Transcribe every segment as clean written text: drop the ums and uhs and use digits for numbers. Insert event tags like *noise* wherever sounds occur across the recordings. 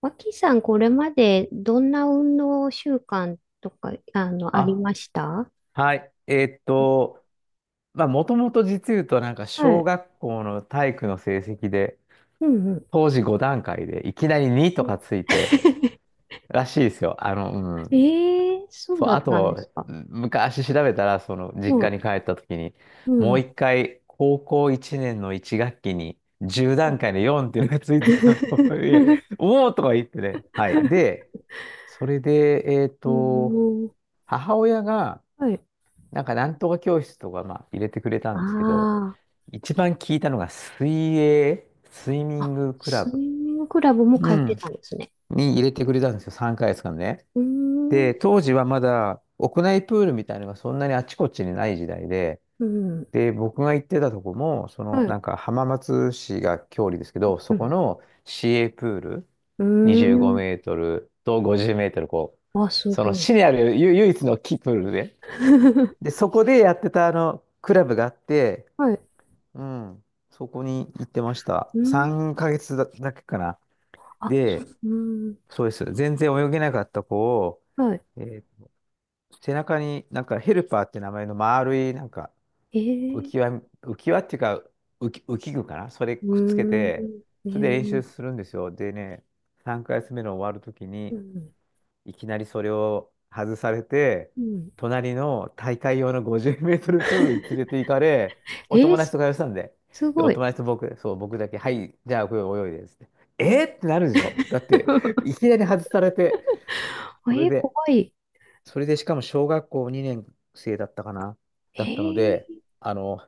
脇さん、これまでどんな運動習慣とか、ありあ、ました？はい。まあ、もともと実言うと、なんか、は小い。学校の体育の成績で、うんう当時5段階で、いきなり2とん。かついて、*laughs* らしいですよ。うえん。えー、そうそう、だあったんでと、すか。昔調べたら、実も家にう、帰った時に、うもうん。一回、高校1年の1学期に、うん。10段階の4っていうのがついてたの。*laughs* いや *laughs* おおとか言ってね。はい。で、それで、うん。母親が、はい。なんかなんとか教室とか、まあ、入れてくれたあんですけど、ー一番聞いたのが水泳、スイミンあ、グクラスイブミングクラブもう通ってんたんですね。に入れてくれたんですよ、3ヶ月間ね。うーで、ん。当時はまだ屋内プールみたいなのがそんなにあちこちにない時代で、うん。で、僕が行ってたとこも、はない。んか浜松市が郷里ですけど、うそこん。の市営プールうー25メん。ートルと50メートル、こう、あ、すそのごい。市にある唯唯一の木プールで、で、*laughs* そこでやってたあのクラブがあって、はい。*laughs* うん。そこに行ってました。うー3ん。ヶ月だけかな。あ、そで、う。うーん。そうです。全然泳げなかった子を、はい。えー背中になんかヘルパーって名前の丸いなんか浮えきえ。輪、浮き輪っていうか浮き具かなそれうくっつけーん。て、それで練習するんですよ。でね、3ヶ月目の終わるときうに、ん。いきなりそれを外されて、うん。隣の大会用の50メートルプールに連れ *laughs* て行かれ、えおー、友達すと会話したんで、すで、ごおい。友達と僕、そう、僕だけ、はい、じゃあ、これ泳いで、つって。うん。 えーってなるでしょだって、い *laughs* きなり外されて、それ怖で、い。それで、しかも小学校2年生だったかなだっえたので、ー、あの、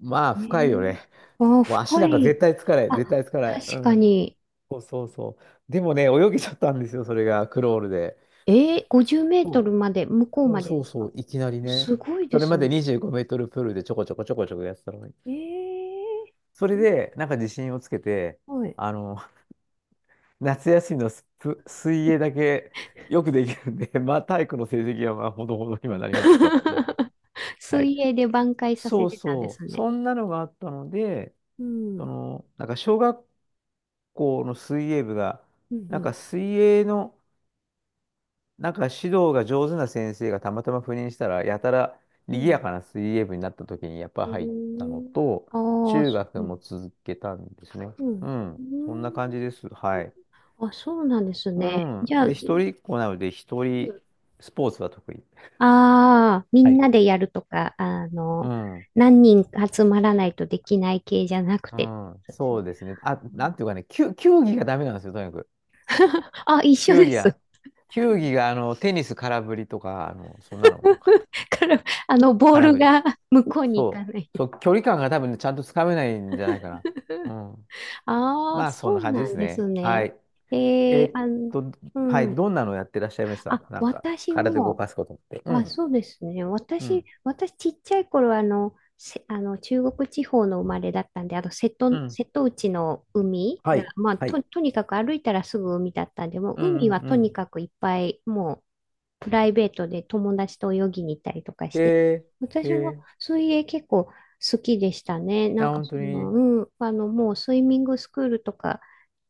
まあ、え深いよー、ね。あー、もう足深なんかい。絶対つかない、あ、絶対つかない。う確かん。に。そうそうそう。でもね、泳げちゃったんですよ、それが、クロールで。50メートそルまで、向こううそうまでそでうすそか？う、いきなりね。すごいそでれすまでね。25メートルプールでちょこちょこちょこちょこやってたのに。えー、それで、えなんか自信をつけて、はい。あの、*laughs* 夏休みの水泳だけよくできるんで、*laughs* まあ体育の成績はまあほどほどにはなりましたっていう。*laughs* はい。水泳で挽回さそせうてたんでそすう。ね。そんなのがあったので、うん。うなんか小学校の水泳部が、ん。うなんかん。水泳の、なんか指導が上手な先生がたまたま赴任したら、やたらう賑やん。かな水泳部になった時にやっぱう入ったーのん。と、ああ、中そう学なもん。続けたんですね。うん。うん。うそんな感じです。ーん。はい。あ、そうなんですうね。ん。じゃあ、で、一人っ子なので、一人、スポーツは得意。ああー、みはんい。なでやるとか、うん。何人か集まらないとできない系じゃなくうて。ん。そうですね。そうですね。あ、うなん。 んていうかね、球技がダメなんですよ、とにかく。*laughs* あ、一緒球で技す。は、球技が、テニス空振りとか、そんなの多かった。から、ボー空ル振り。が *laughs* 向こうに行かそない。う。そう、距離感が多分ねちゃんとつかめないんじゃないかな。うん。ああ、まあ、そんそなう感じでなすんですね。はね。い。ええーー、っあの、と、うはい。ん。どんなのやってらっしゃいましたあ、なんか、私体動も、かすことって。うあ、ん。そうですね。うん。私ちっちゃい頃はあの、せ、あの中国地方の生まれだったんで、うん。瀬戸内の海はが、い。まあ、はい。とにかく歩いたらすぐ海だったんで、もうう海んうはんうとにん。かくいっぱい、もうプライベートで友達と泳ぎに行ったりとかして、えー、私もえ水泳結構好きでしたね。ー、なんあ、か本当その、に。うん、もうスイミングスクールとか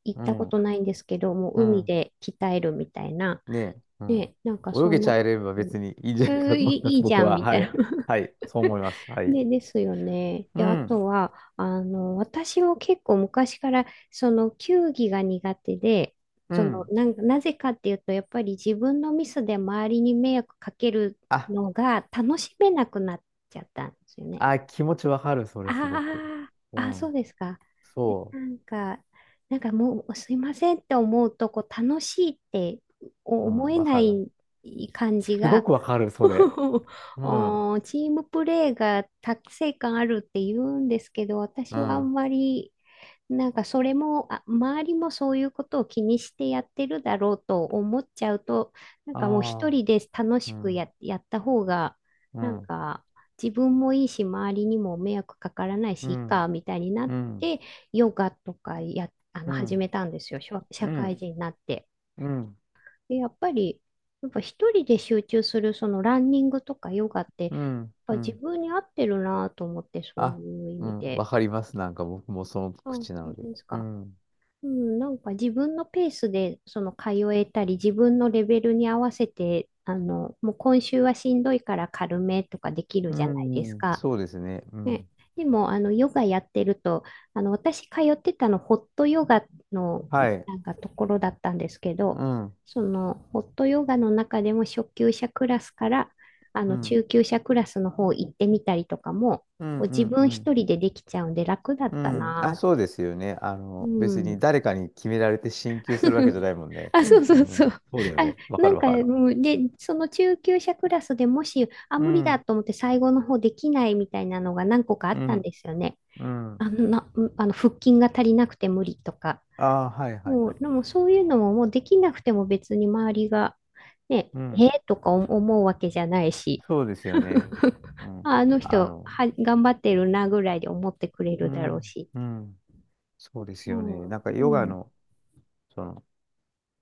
行っうたこん。とないんですけど、もうう海ん。で鍛えるみたいな。ねえ。うん。ね、なんか泳そげんちなゃえ感ればじ。別にいいんじゃないかとい思いまい、いす、いじ僕ゃん、は。みたはいい。な。はい。そう思い *laughs* ます。はい。で、ですよね。うで、あん。とは、私も結構昔から、その、球技が苦手で、うその、ん。なんか、なぜかっていうと、やっぱり自分のミスで周りに迷惑かけるあ、のが楽しめなくなっちゃったんですよね。あ、気持ちわかる、それすごく。ああ、うあ、そうん。ですか。そなんか、もうすいませんって思うと、こう楽しいってう。う思ん、えわなかる。い感じすごが、くわかる、それ。*laughs* うん、うん。おーチームプレーが達成感あるって言うんですけど、私はああんまりなんかそれも、あ、周りもそういうことを気にしてやってるだろうと思っちゃうと、なんかもう一あ、人で楽うしくん、やった方が、うなんん、か自分もいいし、周りにも迷惑かからないし、ういいん、か、みたいになうっん、て、ヨガとかや、あの、う始ん、めたんですよ、社う社会ん、人になって。うん、で、やっぱ一人で集中する、そのランニングとかヨガって、やっうん、ぱう自ん。分に合ってるなと思って、そうあ、いう意う味ん、で。わかります。なんか僕もそのあ、本口なの当で。ですうか。ん、うん、なんか自分のペースでその通えたり、自分のレベルに合わせて、もう今週はしんどいから軽めとかできるうじゃないですん、か。そうですね。うね、ん。でも、ヨガやってると、私通ってたの、ホットヨガのはい。なんかところだったんですけうど、ん、うん、その、ホットヨガの中でも初級者クラスから、うん、中級者クラスの方行ってみたりとかも、うん、こう自う分ん。一人でできちゃうんで楽だっうたん、あ、なぁ。そうですよね。う別にん。誰かに決められて進級するわけじゃないもんね。あ、そうそううそう。ん、あ、そうだよね。わかなんるわか、かる。もう、で、その中級者クラスでもし、あ、う無理だん、と思って最後の方できないみたいなのが何個かあっうたんん。ですよね。うあん。の、な、あの腹筋が足りなくて無理とか。ああ、はいはいもはう、い。でもそういうのももうできなくても別に周りが、ね、うえん。ーとか思うわけじゃないし。そうですよね。*laughs* うん。ああの人あの、は、頑張ってるなぐらいで思ってくれうるだろうん、し。うん。そうですうよん。ね。なんかヨうガん、の、その、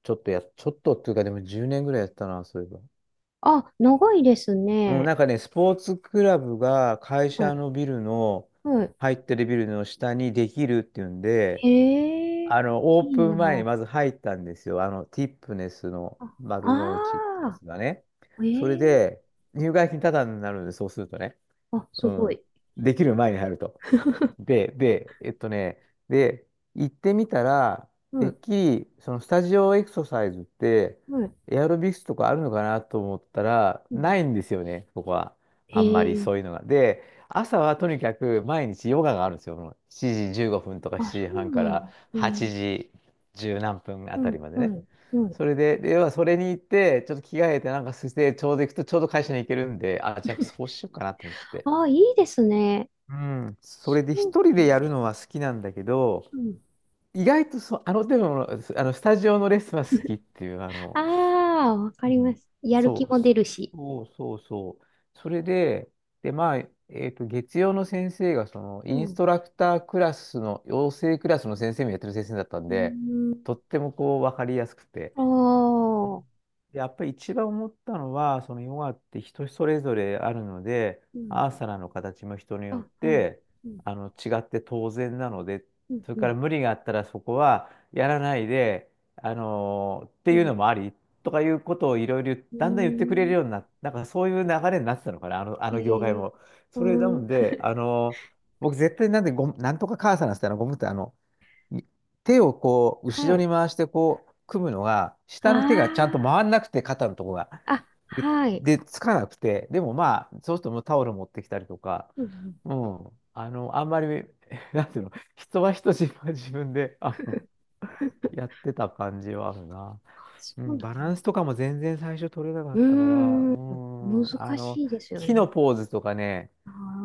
ちょっとっていうかでも10年ぐらいやったな、そういえば。あ、長いですうん、ね。なんかね、スポーツクラブが会は社い。のビルの、はい。入ってるビルの下にできるっていうんで、へえ、オーいいプン前になまず入ったんですよ。ティップネスのあ。丸の内ってやああつがね。ー、それええ、で、入会金タダになるんで、そうするとね。あ、すうごん。い。できる前に入ると。*laughs* で、で、えっとね、で、行ってみたら、うてっん、きり、そのスタジオエクササイズって、はい、エアロビクスとかあるのかなと思ったら、うん。ないんですよね、ここは。へあんまりえ、そういうのが。で、朝はとにかく毎日ヨガがあるんですよ。もう7時15分とかあ、7そ時半うかなの。らへえ、8時10何分あうたん、りまでね。はい、はい。それで、で要はそれに行って、ちょっと着替えてなんかして、ちょうど行くとちょうど会社に行けるんで、あ、じゃあそうしようかなと思って。ああ、いいですね。うん、そそれでうか一人な。でやるのは好きなんだけど、うん。意外とあの手の、あのスタジオのレッスンは好きっていう、ああ、わかうりまんす。やる気そう、も出るし。そうそうそう。それで、まあ、月曜の先生が、うインスん。トラクタークラスの、養成クラスの先生もやってる先生だったんうで、ーん。とってもこう、わかりやすくて、ああ、やっぱり一番思ったのは、そのヨガって人それぞれあるので、うアん。ーサナの形も人にあ、よっはい。てうん、違って当然なので、うん、それうからん、無理があったらそこはやらないで、あのってういうん。のもありとかいうことをいろいろうーだんだん言ってくれるようん。になって、なんかそういう流れになってたのかな、あえの業界え、も。うそれなーん。ので、僕絶対なんでなんとかカーサナってあのゴムってに手をこう、は後ろにい。回してこう、組むのが、あ下の手がちゃんとあ。回んなくて、肩のとこが。あ、で、はい。でつかなくて、でもまあ、そうするともうタオル持ってきたりとか、うんうん。うん、あんまり、*laughs* なんていうの、人は人、自分は自分で、やっ *laughs* てた感じはあるな。あ、そううん、なバラの。ンスとかも全然最初取れなかっうたから、ーうん。ん、難しいですよ木ね。のポーズとかね、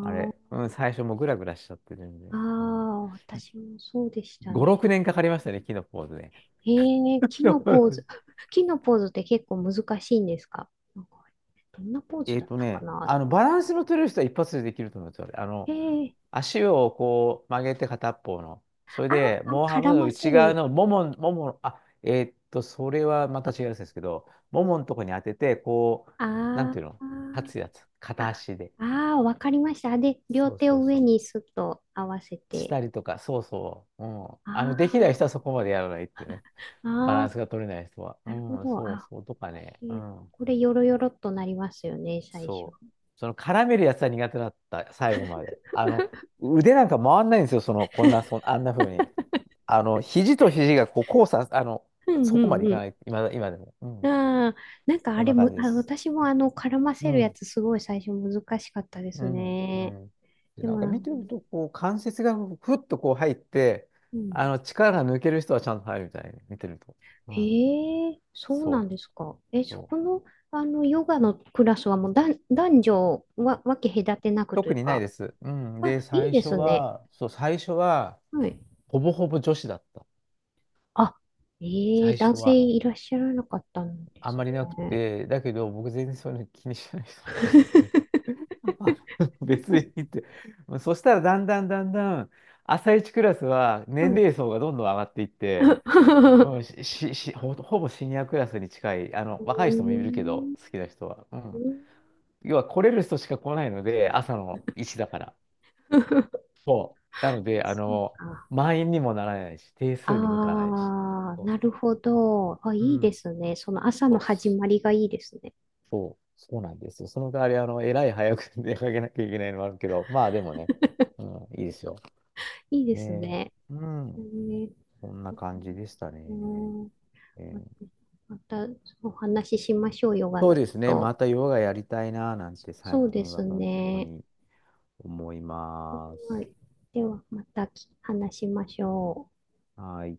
あれ、うん、最初もうグラグラしちゃって全あ、あ然。うん、あ、私もそうでした5、ね。6年かかりましたね、木のポーズね。ええ、木のポーズ。*laughs* *laughs* 木のポーズって結構難しいんですか？なんか、どんなポーズだったかなって。バランスの取れる人は一発でできると思うんですよ。ええ、足をこう曲げて片っぽの。それあで、あ、モーハム絡のませ内側るのもも、あ、それはまたの。違うんですけど、もものとこに当てて、こう、なんあていうの立つあ、やつ。片足で。ああー、わかりました。で、両そう手そをうそ上う。にスッと合わせして。たりとか、そうそう。うん。できないあ人はそこまでやらないってね。あ、バあランスあ、が取れない人は。なるほうん、ど。そうあそう。とかね。うえ、ん。これよろよろっとなりますよね、最初。そう。その絡めるやつは苦手だった、最後まで。*laughs* 腕なんか回んないんですよ、その、こんな、あんな風に。肘と肘がこう交差、うんうそこまでんいうかん。ない、今でも。うん。ああ、なんかそあんれな感む、じであ、す。私も絡まうせるやん、つすごい最初難しかったでうすん、うね。ん。で、でなんもかなん見か、てると、こう、関節がふっとこう入って、うん。力が抜ける人はちゃんと入るみたいに、見てると。うん。へえ、そうなそんですか。え、う。そそこう。の、ヨガのクラスはもう男女は、分け隔てなくとい特うにないでか、す。うん。あ、で、いい最で初すね。は、そう、最初は、はい。ほぼほぼ女子だった。あ、ええ、最男初性は。いらっしゃらなかったんであんすまりなくね。て、だけど僕全然そういうの気にしない人なんで、*laughs* あ別にっ *laughs* て。そしたらだんだんだんだん、朝一クラスはは年い。齢層がどんどん上がっていって、うん、*laughs* し、し、しほ、ほぼシニアクラスに近い、う若い人もいるけど、ーん。好きな人は。ううん。ん。要は来れる人しか来ないので、朝の1だから。そう。なので、そうか。満員にもならないし、定数に向かないし。ああ、そうなるそほど。あ、う。いいうでん。すね。その朝のそう始まりがいいですね。そう、そうなんですよ。その代わり、えらい早く *laughs* 出かけなきゃいけないのもあるけど、まあでもね、うん、いいですよ。いいですねね。え、うえん、ーそんな感じでしたうね。ん。えーまたお話ししましょう、ヨガそうのこですね、まと。たヨガやりたいな、なんて最そうで近はす本当ね。に思いまはす。い。では、また話しましょう。はい。